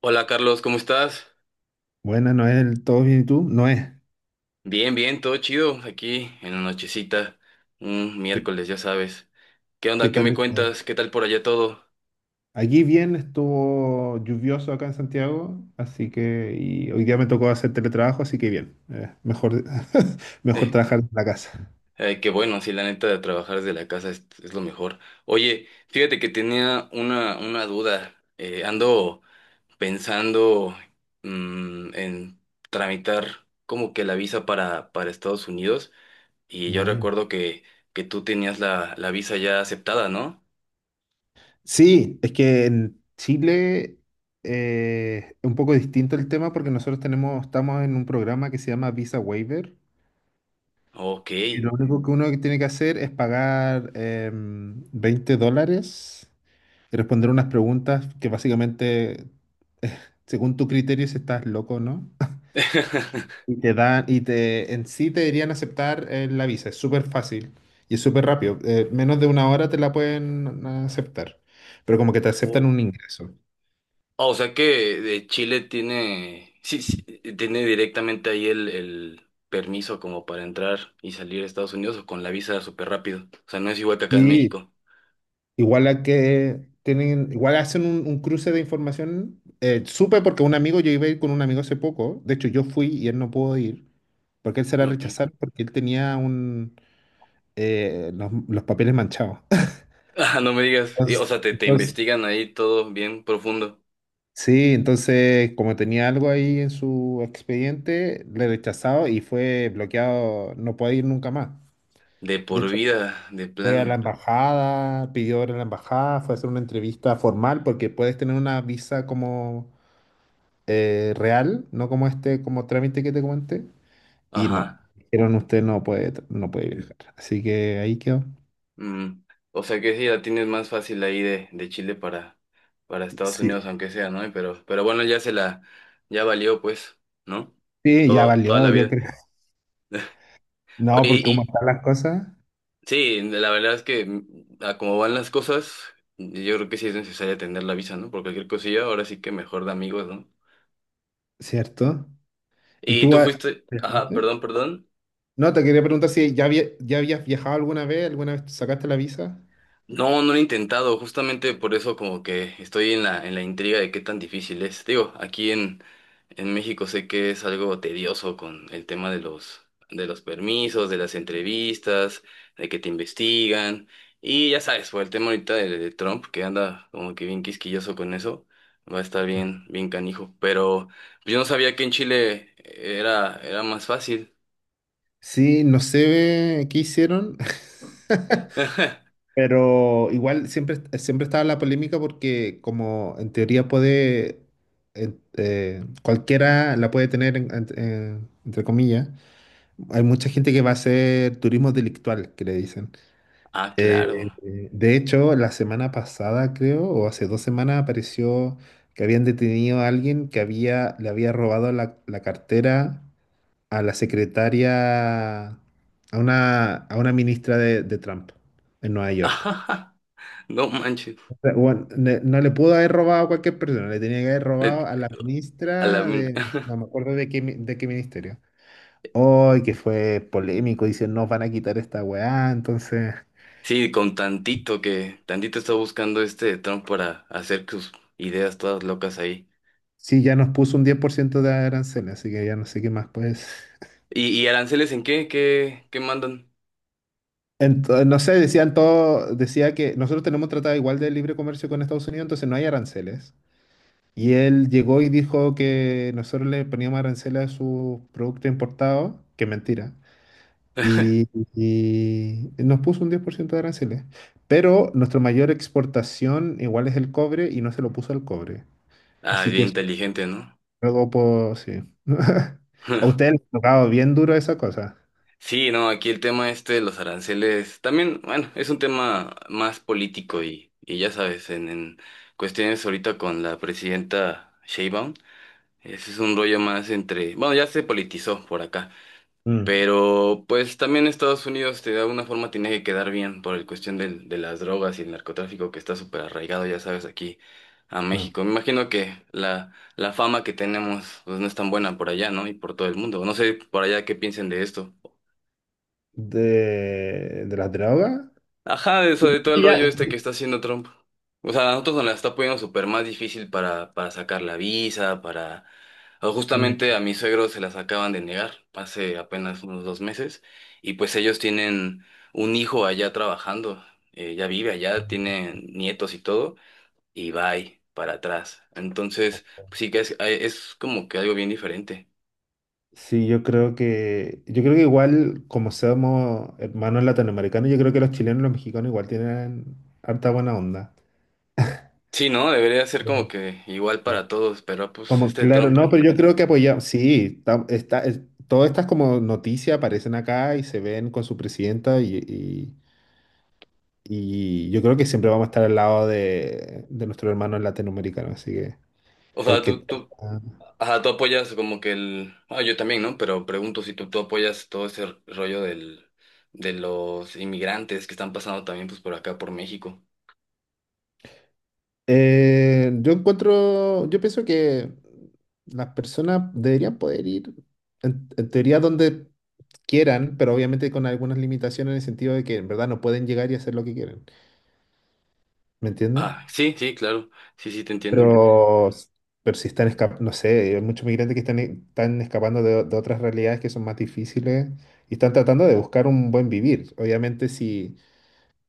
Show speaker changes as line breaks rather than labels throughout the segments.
Hola, Carlos, ¿cómo estás?
Buenas, Noel, ¿todo bien y tú? Noé,
Bien, bien, todo chido aquí en la nochecita, un
¿qué,
miércoles, ya sabes. ¿Qué onda?
¿qué
¿Qué
tal
me
está?
cuentas? ¿Qué tal por allá todo?
Aquí bien, estuvo lluvioso acá en Santiago, así que y hoy día me tocó hacer teletrabajo, así que bien, mejor, mejor
Eh,
trabajar en la casa.
qué bueno, sí, la neta de trabajar desde la casa es lo mejor. Oye, fíjate que tenía una duda. Ando pensando en tramitar como que la visa para Estados Unidos y yo
Bueno.
recuerdo que tú tenías la visa ya aceptada, ¿no?
Sí, es que en Chile es un poco distinto el tema porque estamos en un programa que se llama Visa Waiver,
Ok.
y lo único que uno tiene que hacer es pagar $20. De responder unas preguntas que básicamente, eh, según tu criterio, si estás loco o no, y te dan, y te, en sí te deberían aceptar la visa. Es súper fácil y es súper rápido. Menos de una hora te la pueden aceptar, pero como que te aceptan
Oh.
un ingreso.
Ah, o sea que de Chile tiene, sí, sí, tiene directamente ahí el permiso como para entrar y salir a Estados Unidos o con la visa súper rápido. O sea, no es igual que acá en
Sí,
México.
igual a que tienen, igual hacen un cruce de información. Supe porque un amigo, yo iba a ir con un amigo hace poco, de hecho yo fui y él no pudo ir, porque él se la
Ok.
rechazaron porque él tenía los papeles manchados.
Ah, no me digas. Y,
Entonces,
o sea, te
entonces-
investigan ahí todo bien profundo.
sí, entonces como tenía algo ahí en su expediente, le he rechazado y fue bloqueado, no puede ir nunca más.
De
De
por
hecho,
vida, de
fue a la
plano.
embajada, pidió hora en la embajada, fue a hacer una entrevista formal porque puedes tener una visa como real, no como este, como trámite que te comenté. Y no,
Ajá.
dijeron usted no puede, no puede viajar. Así que ahí quedó.
Mm. O sea que sí, la tienes más fácil ahí de Chile para Estados Unidos,
Sí,
aunque sea, ¿no? Pero bueno, ya se la, ya valió, pues, ¿no?
sí, ya
Todo, toda la
valió, yo
vida.
creo. No,
Oye,
porque como
y
están las cosas,
sí, la verdad es que a como van las cosas, yo creo que sí es necesaria tener la visa, ¿no? Por cualquier cosilla, ahora sí que mejor de amigos, ¿no?
¿cierto? ¿Y
Y
tú
tú
has-
fuiste, ajá,
¿viajaste?
perdón, perdón.
No, te quería preguntar si ya habías viajado alguna vez sacaste la visa.
No, no lo he intentado, justamente por eso como que estoy en la intriga de qué tan difícil es. Digo, en México sé que es algo tedioso con el tema de los permisos, de las entrevistas, de que te investigan. Y ya sabes, por el tema ahorita de Trump, que anda como que bien quisquilloso con eso, va a estar
Claro.
bien, bien canijo. Pero pues, yo no sabía que en Chile era más fácil.
Sí, no sé qué hicieron, pero igual siempre, siempre estaba la polémica porque como en teoría cualquiera la puede tener, entre comillas, hay mucha gente que va a hacer turismo delictual, que le dicen.
Ah,
Eh,
claro.
de hecho, la semana pasada, creo, o hace dos semanas, apareció que habían detenido a alguien que había, le había robado la cartera a la secretaria, a una ministra de Trump en Nueva York.
No manches.
O sea, bueno, no le pudo haber robado a cualquier persona, le tenía que haber
Le-
robado a la
A la
ministra
min-
de, no me acuerdo de qué, de qué ministerio. Hoy que fue polémico, dicen, nos van a quitar esta weá, entonces...
Sí, con tantito que, tantito está buscando este Trump para hacer sus ideas todas locas ahí.
Sí, ya nos puso un 10% de arancel, así que ya no sé qué más, pues.
Y aranceles en qué? ¿Qué, qué mandan?
Entonces, no sé, decían todo, decía que nosotros tenemos tratado igual de libre comercio con Estados Unidos, entonces no hay aranceles. Y él llegó y dijo que nosotros le poníamos aranceles a sus productos importados, que es mentira. Y nos puso un 10% de aranceles. Pero nuestra mayor exportación igual es el cobre y no se lo puso al cobre.
Ah, es
Así que
bien
eso es
inteligente, ¿no?
algo, pues, sí. A ustedes les ha tocado bien duro esa cosa.
Sí, no, aquí el tema este de los aranceles también, bueno, es un tema más político y ya sabes, en cuestiones ahorita con la presidenta Sheinbaum, ese es un rollo más entre, bueno, ya se politizó por acá.
Mm.
Pero pues también Estados Unidos de alguna forma tiene que quedar bien por el cuestión de las drogas y el narcotráfico que está súper arraigado, ya sabes, aquí a
No.
México. Me imagino que la fama que tenemos pues no es tan buena por allá, ¿no? Y por todo el mundo. No sé por allá qué piensen de esto.
De las drogas.
Ajá, de eso, de todo el
Y ya-
rollo este que está haciendo Trump. O sea, a nosotros nos la está poniendo súper más difícil para sacar la visa, para... O
Mm,
justamente a mis suegros se las acaban de negar hace apenas unos 2 meses y pues ellos tienen un hijo allá trabajando, ya vive allá, tiene nietos y todo y va ahí para atrás. Entonces, pues, sí que es como que algo bien diferente.
sí, yo creo que igual, como somos hermanos latinoamericanos, yo creo que los chilenos y los mexicanos igual tienen harta buena onda.
Sí, ¿no? Debería ser
Sí,
como que igual
sí.
para todos, pero pues
Como,
este
claro, no, pero
trompa.
yo creo que apoyamos, sí, todas estas como noticias aparecen acá y se ven con su presidenta y yo creo que siempre vamos a estar al lado de nuestros hermanos latinoamericanos, así que
O sea,
cualquier cosa.
ajá, tú apoyas como que el... Ah, yo también, ¿no? Pero pregunto si tú apoyas todo ese rollo del, de los inmigrantes que están pasando también pues por acá, por México.
Yo encuentro, yo pienso que las personas deberían poder ir en teoría donde quieran, pero obviamente con algunas limitaciones en el sentido de que en verdad no pueden llegar y hacer lo que quieren, ¿me entiendes?
Ah, sí, sí, claro. Sí, sí, te entiendo.
Pero, pero si están escapando, no sé, hay muchos migrantes están escapando de otras realidades que son más difíciles y están tratando de buscar un buen vivir. Obviamente si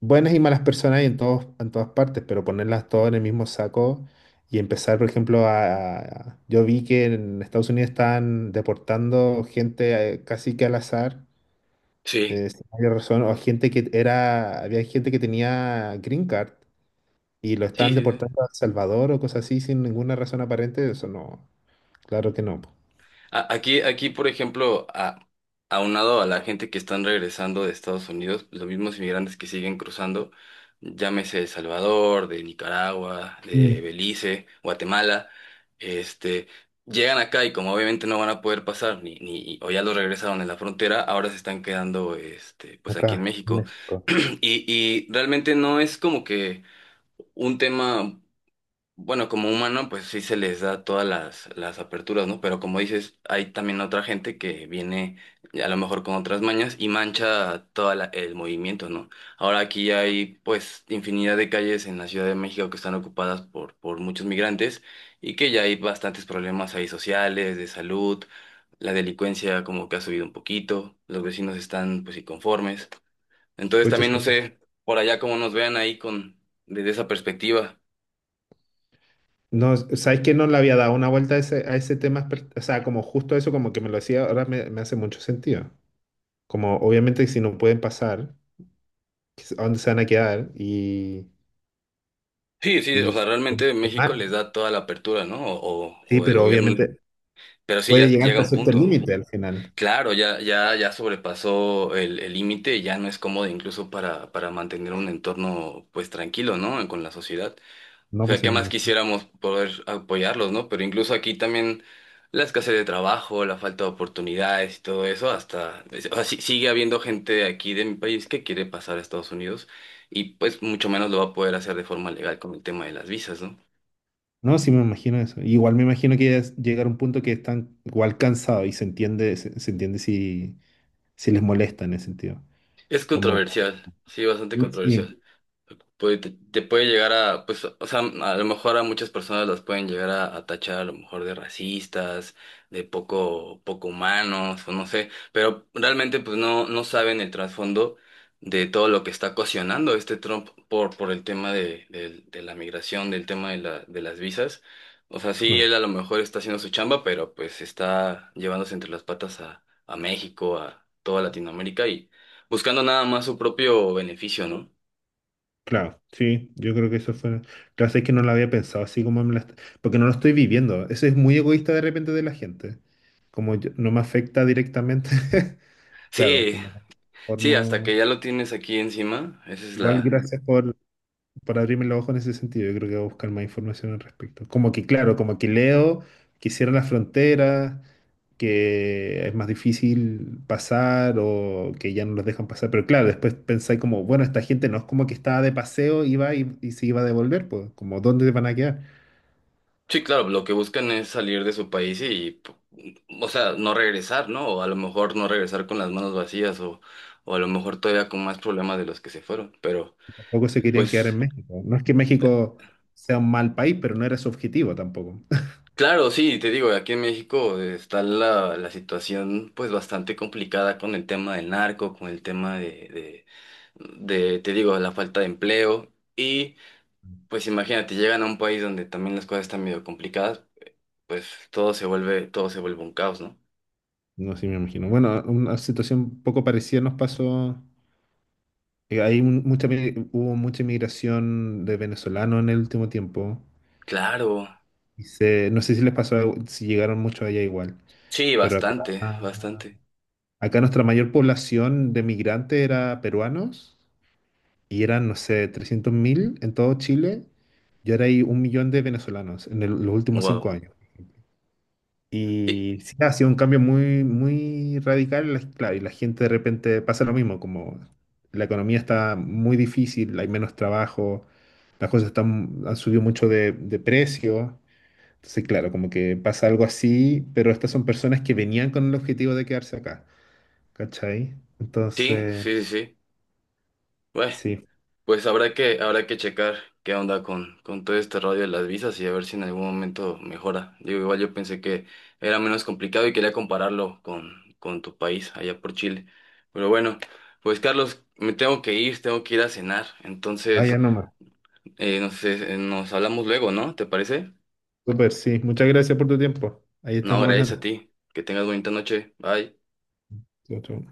buenas y malas personas hay en todos, en todas partes, pero ponerlas todas en el mismo saco y empezar, por ejemplo, yo vi que en Estados Unidos están deportando gente casi que al azar,
Sí,
sin mayor razón, o gente que era, había gente que tenía green card y lo
sí,
estaban
sí, sí.
deportando a El Salvador o cosas así sin ninguna razón aparente, eso no, claro que no.
Aquí, aquí, por ejemplo, a, aunado a la gente que están regresando de Estados Unidos, pues, los mismos inmigrantes que siguen cruzando, llámese El Salvador, de Nicaragua, de
Mm.
Belice, Guatemala, este, llegan acá y como obviamente no van a poder pasar, ni, ni, o ya los regresaron en la frontera, ahora se están quedando, este, pues aquí en
Acá, en
México.
México.
Y, y realmente no es como que un tema. Bueno, como humano, pues sí se les da todas las aperturas, ¿no? Pero como dices, hay también otra gente que viene a lo mejor con otras mañas y mancha todo el movimiento, ¿no? Ahora aquí hay pues infinidad de calles en la Ciudad de México que están ocupadas por muchos migrantes y que ya hay bastantes problemas ahí sociales, de salud, la delincuencia como que ha subido un poquito, los vecinos están pues inconformes. Entonces
Pucha, sí.
también no sé por allá cómo nos vean ahí con desde esa perspectiva.
No, ¿sabes que no le había dado una vuelta a ese tema, o sea, como justo eso, como que me lo decía, ahora me, me hace mucho sentido. Como obviamente si no pueden pasar, ¿a dónde se van a quedar?
Sí, sí, o
Y
sea, realmente
qué
México
mal.
les da toda la apertura, ¿no?
Sí,
O el
pero
gobierno,
obviamente
pero sí, ya
puede llegar
llega
hasta
un
cierto
punto.
límite al final.
Claro, ya, ya, ya sobrepasó el límite y ya no es cómodo incluso para mantener un entorno, pues, tranquilo, ¿no? Con la sociedad. O
No, pues
sea,
sí
¿qué
me
más
imagino.
quisiéramos poder apoyarlos, ¿no? Pero incluso aquí también la escasez de trabajo, la falta de oportunidades y todo eso, hasta, o sea, sigue habiendo gente aquí de mi país que quiere pasar a Estados Unidos y pues mucho menos lo va a poder hacer de forma legal con el tema de las visas, ¿no?
No, sí me imagino eso. Igual me imagino que es llegar a un punto que están igual cansados y se entiende, se entiende si, si les molesta en ese sentido.
Es
Como,
controversial, sí, bastante controversial
sí,
pues te puede llegar a, pues, o sea, a lo mejor a muchas personas las pueden llegar a tachar a lo mejor de racistas, de poco, poco humanos, o no sé, pero realmente pues no, no saben el trasfondo de todo lo que está ocasionando este Trump por el tema de de la migración, del tema de de las visas. O sea, sí,
no.
él a lo mejor está haciendo su chamba, pero pues está llevándose entre las patas a México, a toda Latinoamérica y buscando nada más su propio beneficio, ¿no?
Claro, sí, yo creo que eso fue. Claro, es que no lo había pensado así como porque no lo estoy viviendo. Eso es muy egoísta de repente de la gente. No me afecta directamente. Claro,
Sí,
como
sí, hasta que
formo.
ya lo tienes aquí encima, esa es
Igual
la...
gracias por para abrirme los ojos en ese sentido. Yo creo que voy a buscar más información al respecto. Como que, claro, como que leo que cierran las fronteras, que es más difícil pasar o que ya no los dejan pasar. Pero claro, después pensé como, bueno, esta gente no es como que estaba de paseo, iba y se iba a devolver, pues, como, ¿dónde van a quedar?
Sí, claro, lo que buscan es salir de su país y, o sea, no regresar, ¿no? O a lo mejor no regresar con las manos vacías, o a lo mejor todavía con más problemas de los que se fueron. Pero,
Tampoco se querían quedar en
pues,
México. No es que México sea un mal país, pero no era su objetivo tampoco.
claro, sí, te digo, aquí en México está la situación pues bastante complicada con el tema del narco, con el tema de te digo, la falta de empleo y, pues, imagínate, llegan a un país donde también las cosas están medio complicadas, pues todo se vuelve un caos, ¿no?
No, sí me imagino. Bueno, una situación poco parecida nos pasó. Hay un- mucha, mi- Hubo mucha inmigración de venezolanos en el último tiempo.
Claro,
No sé si les pasó, si llegaron muchos allá igual,
sí,
pero acá,
bastante, bastante.
acá nuestra mayor población de migrantes era peruanos y eran, no sé, 300.000 en todo Chile y ahora hay 1.000.000 de venezolanos en el- los últimos cinco
Wow.
años.
Y,
Y sí, ha sido un cambio muy, muy radical, claro, y la gente de repente pasa lo mismo, como la economía está muy difícil, hay menos trabajo, las cosas están, han subido mucho de precio. Entonces, claro, como que pasa algo así, pero estas son personas que venían con el objetivo de quedarse acá, ¿cachai?
sí,
Entonces,
sí, sí, sí. Bueno,
sí,
pues habrá que checar qué onda con todo este rollo de las visas y a ver si en algún momento mejora. Digo, igual yo pensé que era menos complicado y quería compararlo con tu país, allá por Chile. Pero bueno, pues, Carlos, me tengo que ir a cenar.
vaya
Entonces,
nomás.
no sé, nos hablamos luego, ¿no? ¿Te parece?
Súper, sí. Muchas gracias por tu tiempo. Ahí
No,
estamos
gracias a
hablando.
ti. Que tengas bonita noche. Bye.
Chau, chau.